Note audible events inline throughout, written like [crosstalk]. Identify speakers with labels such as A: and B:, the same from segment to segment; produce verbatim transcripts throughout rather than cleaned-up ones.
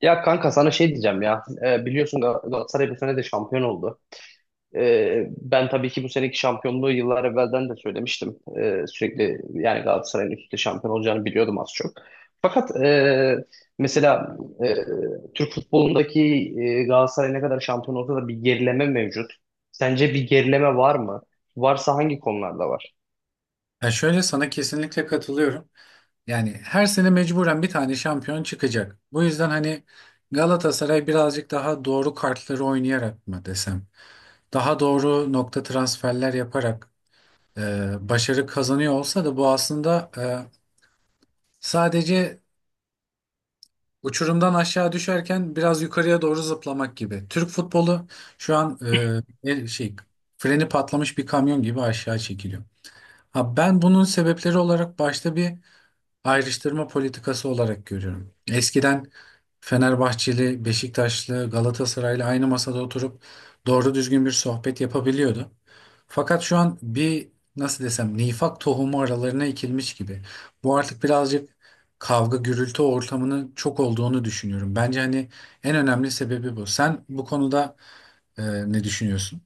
A: Ya kanka sana şey diyeceğim ya. Ee, biliyorsun Gal- Galatasaray bu sene de şampiyon oldu. Ee, ben tabii ki bu seneki şampiyonluğu yıllar evvelden de söylemiştim. Ee, sürekli yani Galatasaray'ın üst üste şampiyon olacağını biliyordum az çok. Fakat e, mesela, e, Türk futbolundaki, e, Galatasaray ne kadar şampiyon olsa da bir gerileme mevcut. Sence bir gerileme var mı? Varsa hangi konularda var?
B: Ya şöyle sana kesinlikle katılıyorum. Yani her sene mecburen bir tane şampiyon çıkacak. Bu yüzden hani Galatasaray birazcık daha doğru kartları oynayarak mı desem, daha doğru nokta transferler yaparak e, başarı kazanıyor olsa da bu aslında e, sadece uçurumdan aşağı düşerken biraz yukarıya doğru zıplamak gibi. Türk futbolu şu an e, el- şey freni patlamış bir kamyon gibi aşağı çekiliyor. Ha, ben bunun sebepleri olarak başta bir ayrıştırma politikası olarak görüyorum. Eskiden Fenerbahçeli, Beşiktaşlı, Galatasaraylı aynı masada oturup doğru düzgün bir sohbet yapabiliyordu. Fakat şu an bir nasıl desem nifak tohumu aralarına ekilmiş gibi. Bu artık birazcık kavga gürültü ortamının çok olduğunu düşünüyorum. Bence hani en önemli sebebi bu. Sen bu konuda e, ne düşünüyorsun?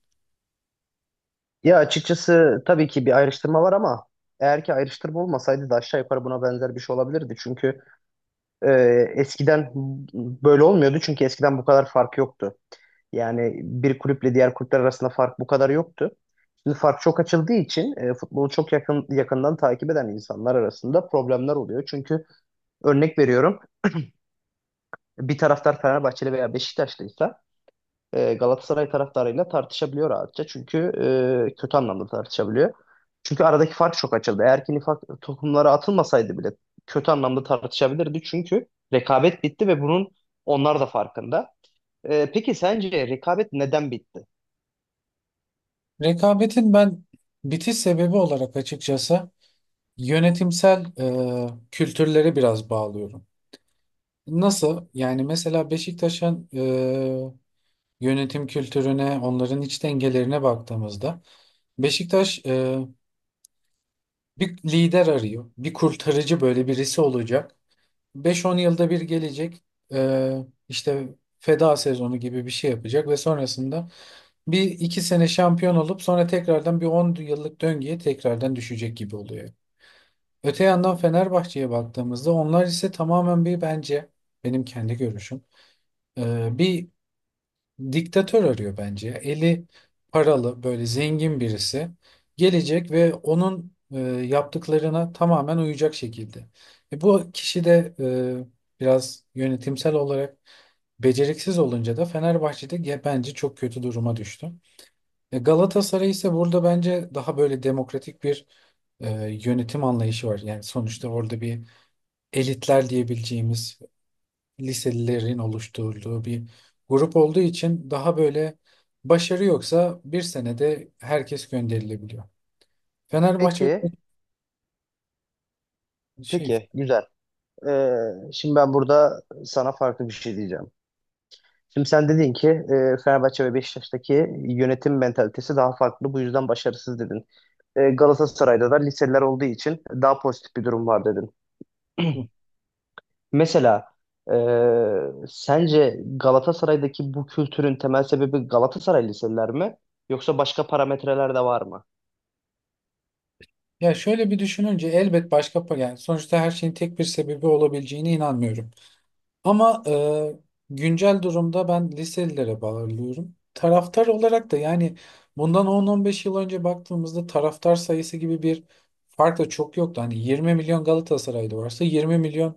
A: Ya açıkçası tabii ki bir ayrıştırma var ama eğer ki ayrıştırma olmasaydı da aşağı yukarı buna benzer bir şey olabilirdi. Çünkü Ee, eskiden böyle olmuyordu çünkü eskiden bu kadar fark yoktu. Yani bir kulüple diğer kulüpler arasında fark bu kadar yoktu. Şimdi fark çok açıldığı için e, futbolu çok yakın yakından takip eden insanlar arasında problemler oluyor. Çünkü örnek veriyorum, bir taraftar Fenerbahçeli veya Beşiktaşlıysa e, Galatasaray taraftarıyla tartışabiliyor rahatça. Çünkü e, kötü anlamda tartışabiliyor. Çünkü aradaki fark çok açıldı. Eğer ki nifak tohumları atılmasaydı bile kötü anlamda tartışabilirdi. Çünkü rekabet bitti ve bunun onlar da farkında. E, peki sence rekabet neden bitti?
B: Rekabetin ben bitiş sebebi olarak açıkçası yönetimsel e, kültürlere biraz bağlıyorum. Nasıl? Yani mesela Beşiktaş'ın e, yönetim kültürüne, onların iç dengelerine baktığımızda Beşiktaş e, bir lider arıyor. Bir kurtarıcı böyle birisi olacak. beş on yılda bir gelecek. E, işte feda sezonu gibi bir şey yapacak ve sonrasında bir iki sene şampiyon olup sonra tekrardan bir on yıllık döngüye tekrardan düşecek gibi oluyor. Öte yandan Fenerbahçe'ye baktığımızda onlar ise tamamen bir bence benim kendi görüşüm e, bir diktatör arıyor bence. Eli paralı böyle zengin birisi gelecek ve onun e, yaptıklarına tamamen uyacak şekilde. E, bu kişi de e, biraz yönetimsel olarak beceriksiz olunca da Fenerbahçe'de ge- bence çok kötü duruma düştü. E, Galatasaray ise burada bence daha böyle demokratik bir e, yönetim anlayışı var. Yani sonuçta orada bir elitler diyebileceğimiz liselilerin oluşturduğu bir grup olduğu için daha böyle başarı yoksa bir senede herkes gönderilebiliyor. Fenerbahçe.
A: Peki,
B: şey
A: peki güzel. E, Şimdi ben burada sana farklı bir şey diyeceğim. Şimdi sen dedin ki e, Fenerbahçe ve Beşiktaş'taki yönetim mentalitesi daha farklı. Bu yüzden başarısız dedin. E, Galatasaray'da da liseler olduğu için daha pozitif bir durum var dedin.
B: Hı.
A: [clears throat] Mesela, e, sence Galatasaray'daki bu kültürün temel sebebi Galatasaray liseler mi? Yoksa başka parametreler de var mı?
B: Ya şöyle bir düşününce elbet başka yani sonuçta her şeyin tek bir sebebi olabileceğine inanmıyorum. Ama e, güncel durumda ben liselilere bağlıyorum. Taraftar olarak da yani bundan on on beş yıl önce baktığımızda taraftar sayısı gibi bir fark da çok yoktu. Hani yirmi milyon Galatasaraylı varsa yirmi milyon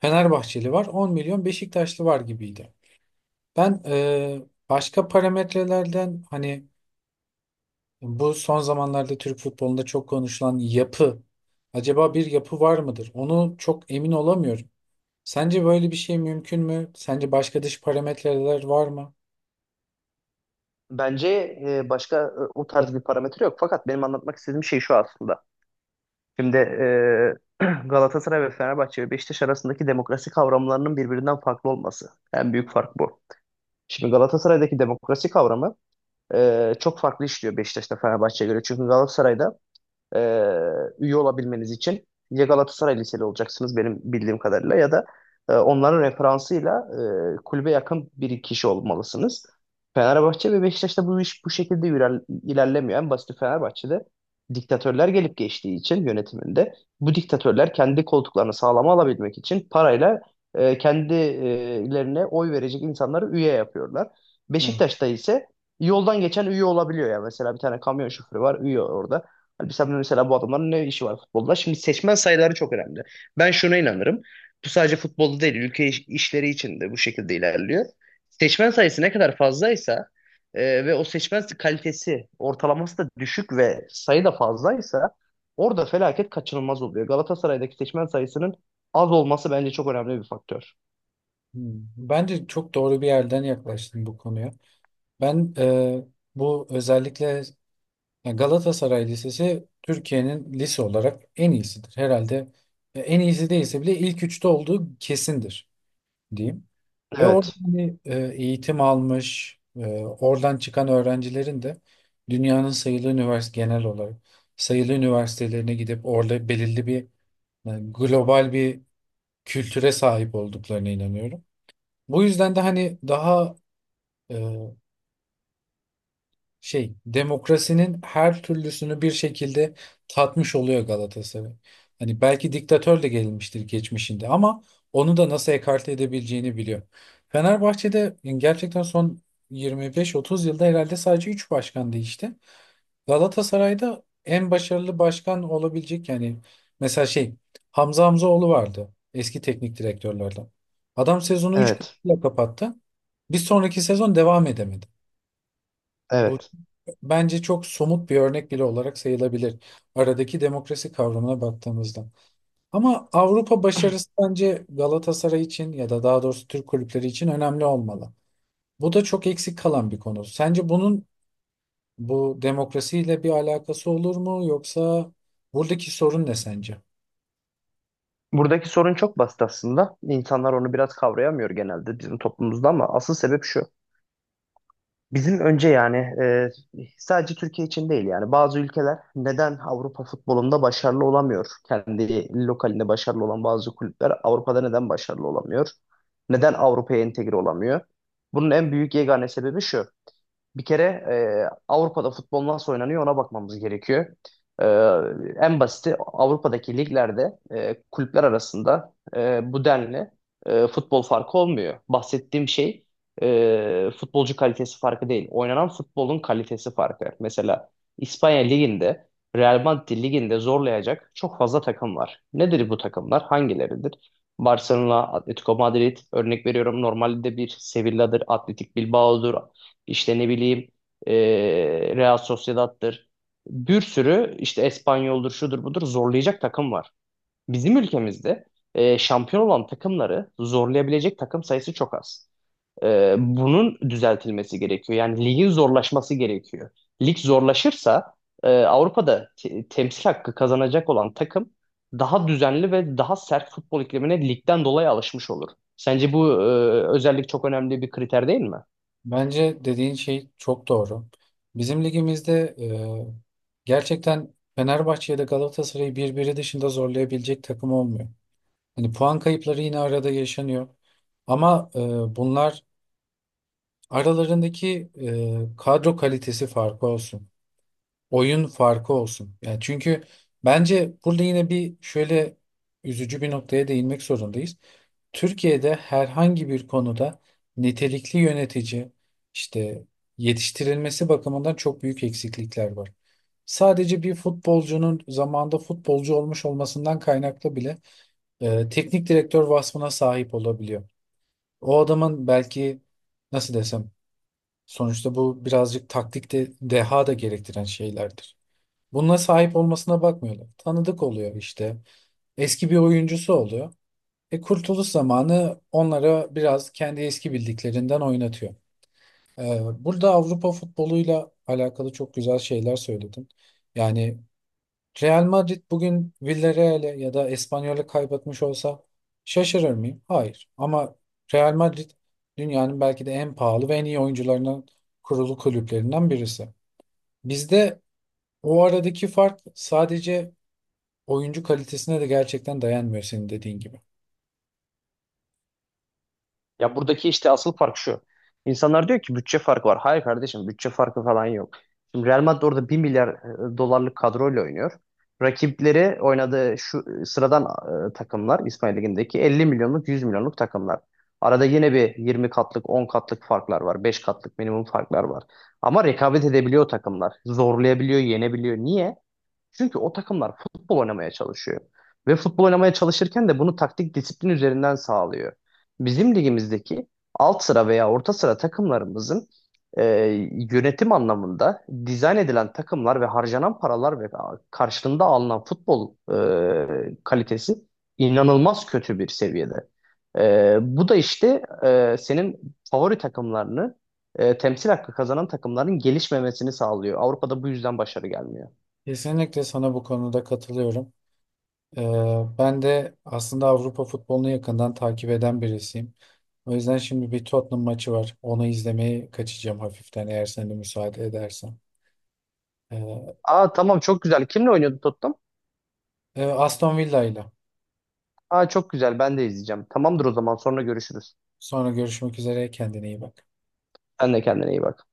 B: Fenerbahçeli var, on milyon Beşiktaşlı var gibiydi. Ben e, başka parametrelerden hani bu son zamanlarda Türk futbolunda çok konuşulan yapı, acaba bir yapı var mıdır? Onu çok emin olamıyorum. Sence böyle bir şey mümkün mü? Sence başka dış parametreler var mı?
A: Bence e, başka, e, o tarz bir parametre yok. Fakat benim anlatmak istediğim şey şu aslında. Şimdi e, [clears throat] Galatasaray ve Fenerbahçe ve Beşiktaş arasındaki demokrasi kavramlarının birbirinden farklı olması. En büyük fark bu. Şimdi Galatasaray'daki demokrasi kavramı Ee, çok farklı işliyor Beşiktaş'ta Fenerbahçe'ye göre. Çünkü Galatasaray'da e, üye olabilmeniz için ya Galatasaray Liseli olacaksınız benim bildiğim kadarıyla ya da e, onların referansıyla e, kulübe yakın bir kişi olmalısınız. Fenerbahçe ve Beşiktaş'ta bu iş bu şekilde iler- ilerlemiyor. En basiti Fenerbahçe'de diktatörler gelip geçtiği için yönetiminde bu diktatörler kendi koltuklarını sağlama alabilmek için parayla e, kendilerine oy verecek insanları üye yapıyorlar.
B: Evet.
A: Beşiktaş'ta ise yoldan geçen üye olabiliyor ya. Mesela bir tane kamyon şoförü var üye orada. Hani sen mesela bu adamların ne işi var futbolda? Şimdi seçmen sayıları çok önemli. Ben şuna inanırım. Bu sadece futbolda değil, ülke iş- işleri için de bu şekilde ilerliyor. Seçmen sayısı ne kadar fazlaysa e, ve o seçmen kalitesi ortalaması da düşük ve sayı da fazlaysa orada felaket kaçınılmaz oluyor. Galatasaray'daki seçmen sayısının az olması bence çok önemli bir faktör.
B: Hmm, bence çok doğru bir yerden yaklaştın bu konuya. Ben e, bu özellikle ya Galatasaray Lisesi Türkiye'nin lise olarak en iyisidir. Herhalde e, en iyisi değilse bile ilk üçte olduğu kesindir diyeyim. Ve orada
A: Evet,
B: hani, e, eğitim almış, e, oradan çıkan öğrencilerin de dünyanın sayılı üniversite genel olarak sayılı üniversitelerine gidip orada belirli bir yani global bir kültüre sahip olduklarına inanıyorum. Bu yüzden de hani daha e, şey demokrasinin her türlüsünü bir şekilde tatmış oluyor Galatasaray. Hani belki diktatör de gelmiştir geçmişinde ama onu da nasıl ekarte edebileceğini biliyor. Fenerbahçe'de yani gerçekten son yirmi beş otuz yılda herhalde sadece üç başkan değişti. Galatasaray'da en başarılı başkan olabilecek yani mesela şey Hamza Hamzaoğlu vardı eski teknik direktörlerden. Adam sezonu üç
A: evet,
B: kupayla kapattı. Bir sonraki sezon devam edemedi. Bu
A: evet.
B: bence çok somut bir örnek bile olarak sayılabilir aradaki demokrasi kavramına baktığımızda. Ama Avrupa başarısı bence Galatasaray için ya da daha doğrusu Türk kulüpleri için önemli olmalı. Bu da çok eksik kalan bir konu. Sence bunun bu demokrasiyle bir alakası olur mu yoksa buradaki sorun ne sence?
A: Buradaki sorun çok basit aslında. İnsanlar onu biraz kavrayamıyor genelde bizim toplumumuzda ama asıl sebep şu. Bizim önce yani, e, sadece Türkiye için değil yani bazı ülkeler neden Avrupa futbolunda başarılı olamıyor? Kendi lokalinde başarılı olan bazı kulüpler Avrupa'da neden başarılı olamıyor? Neden Avrupa'ya entegre olamıyor? Bunun en büyük yegane sebebi şu. Bir kere e, Avrupa'da futbol nasıl oynanıyor ona bakmamız gerekiyor. E, En basiti Avrupa'daki liglerde e, kulüpler arasında e, bu denli e, futbol farkı olmuyor. Bahsettiğim şey e, futbolcu kalitesi farkı değil. Oynanan futbolun kalitesi farkı. Mesela İspanya Ligi'nde Real Madrid Ligi'nde zorlayacak çok fazla takım var. Nedir bu takımlar? Hangileridir? Barcelona, Atletico Madrid örnek veriyorum, normalde bir Sevilla'dır, Atletik Bilbao'dur, işte ne bileyim, e, Real Sociedad'tır. Bir sürü işte Espanyol'dur, şudur budur zorlayacak takım var. Bizim ülkemizde e, şampiyon olan takımları zorlayabilecek takım sayısı çok az. E, bunun düzeltilmesi gerekiyor. Yani ligin zorlaşması gerekiyor. Lig zorlaşırsa e, Avrupa'da te- temsil hakkı kazanacak olan takım daha düzenli ve daha sert futbol iklimine ligden dolayı alışmış olur. Sence bu e, özellik çok önemli bir kriter değil mi?
B: Bence dediğin şey çok doğru. Bizim ligimizde e, gerçekten Fenerbahçe ya da Galatasaray'ı birbiri dışında zorlayabilecek takım olmuyor. Hani puan kayıpları yine arada yaşanıyor. Ama e, bunlar aralarındaki e, kadro kalitesi farkı olsun. Oyun farkı olsun. Yani çünkü bence burada yine bir şöyle üzücü bir noktaya değinmek zorundayız. Türkiye'de herhangi bir konuda nitelikli yönetici işte yetiştirilmesi bakımından çok büyük eksiklikler var. Sadece bir futbolcunun zamanında futbolcu olmuş olmasından kaynaklı bile e, teknik direktör vasfına sahip olabiliyor. O adamın belki nasıl desem sonuçta bu birazcık taktikte deha da gerektiren şeylerdir. Bununla sahip olmasına bakmıyorlar. Tanıdık oluyor işte. Eski bir oyuncusu oluyor. E kurtuluş zamanı onlara biraz kendi eski bildiklerinden oynatıyor. Ee, burada Avrupa futboluyla alakalı çok güzel şeyler söyledin. Yani Real Madrid bugün Villarreal'e ya da Espanyol'e kaybetmiş olsa şaşırır mıyım? Hayır. Ama Real Madrid dünyanın belki de en pahalı ve en iyi oyuncularının kurulu kulüplerinden birisi. Bizde o aradaki fark sadece oyuncu kalitesine de gerçekten dayanmıyor senin dediğin gibi.
A: Ya buradaki işte asıl fark şu. İnsanlar diyor ki bütçe farkı var. Hayır kardeşim bütçe farkı falan yok. Şimdi Real Madrid orada bir milyar e, dolarlık kadroyla oynuyor. Rakipleri oynadığı şu e, sıradan, e, takımlar İspanya Ligi'ndeki elli milyonluk yüz milyonluk takımlar. Arada yine bir yirmi katlık on katlık farklar var. Beş katlık minimum farklar var. Ama rekabet edebiliyor takımlar. Zorlayabiliyor, yenebiliyor. Niye? Çünkü o takımlar futbol oynamaya çalışıyor. Ve futbol oynamaya çalışırken de bunu taktik disiplin üzerinden sağlıyor. Bizim ligimizdeki alt sıra veya orta sıra takımlarımızın e, yönetim anlamında dizayn edilen takımlar ve harcanan paralar ve karşılığında alınan futbol e, kalitesi inanılmaz kötü bir seviyede. E, bu da işte, e, senin favori takımlarını, e, temsil hakkı kazanan takımların gelişmemesini sağlıyor. Avrupa'da bu yüzden başarı gelmiyor.
B: Kesinlikle sana bu konuda katılıyorum. Ee, ben de aslında Avrupa futbolunu yakından takip eden birisiyim. O yüzden şimdi bir Tottenham maçı var. Onu izlemeye kaçacağım hafiften eğer sen de müsaade edersen. Ee,
A: Aa tamam çok güzel. Kimle oynuyordu Tottenham?
B: e, Aston Villa ile.
A: Aa çok güzel. Ben de izleyeceğim. Tamamdır o zaman sonra görüşürüz.
B: Sonra görüşmek üzere. Kendine iyi bak.
A: Sen de kendine iyi bak.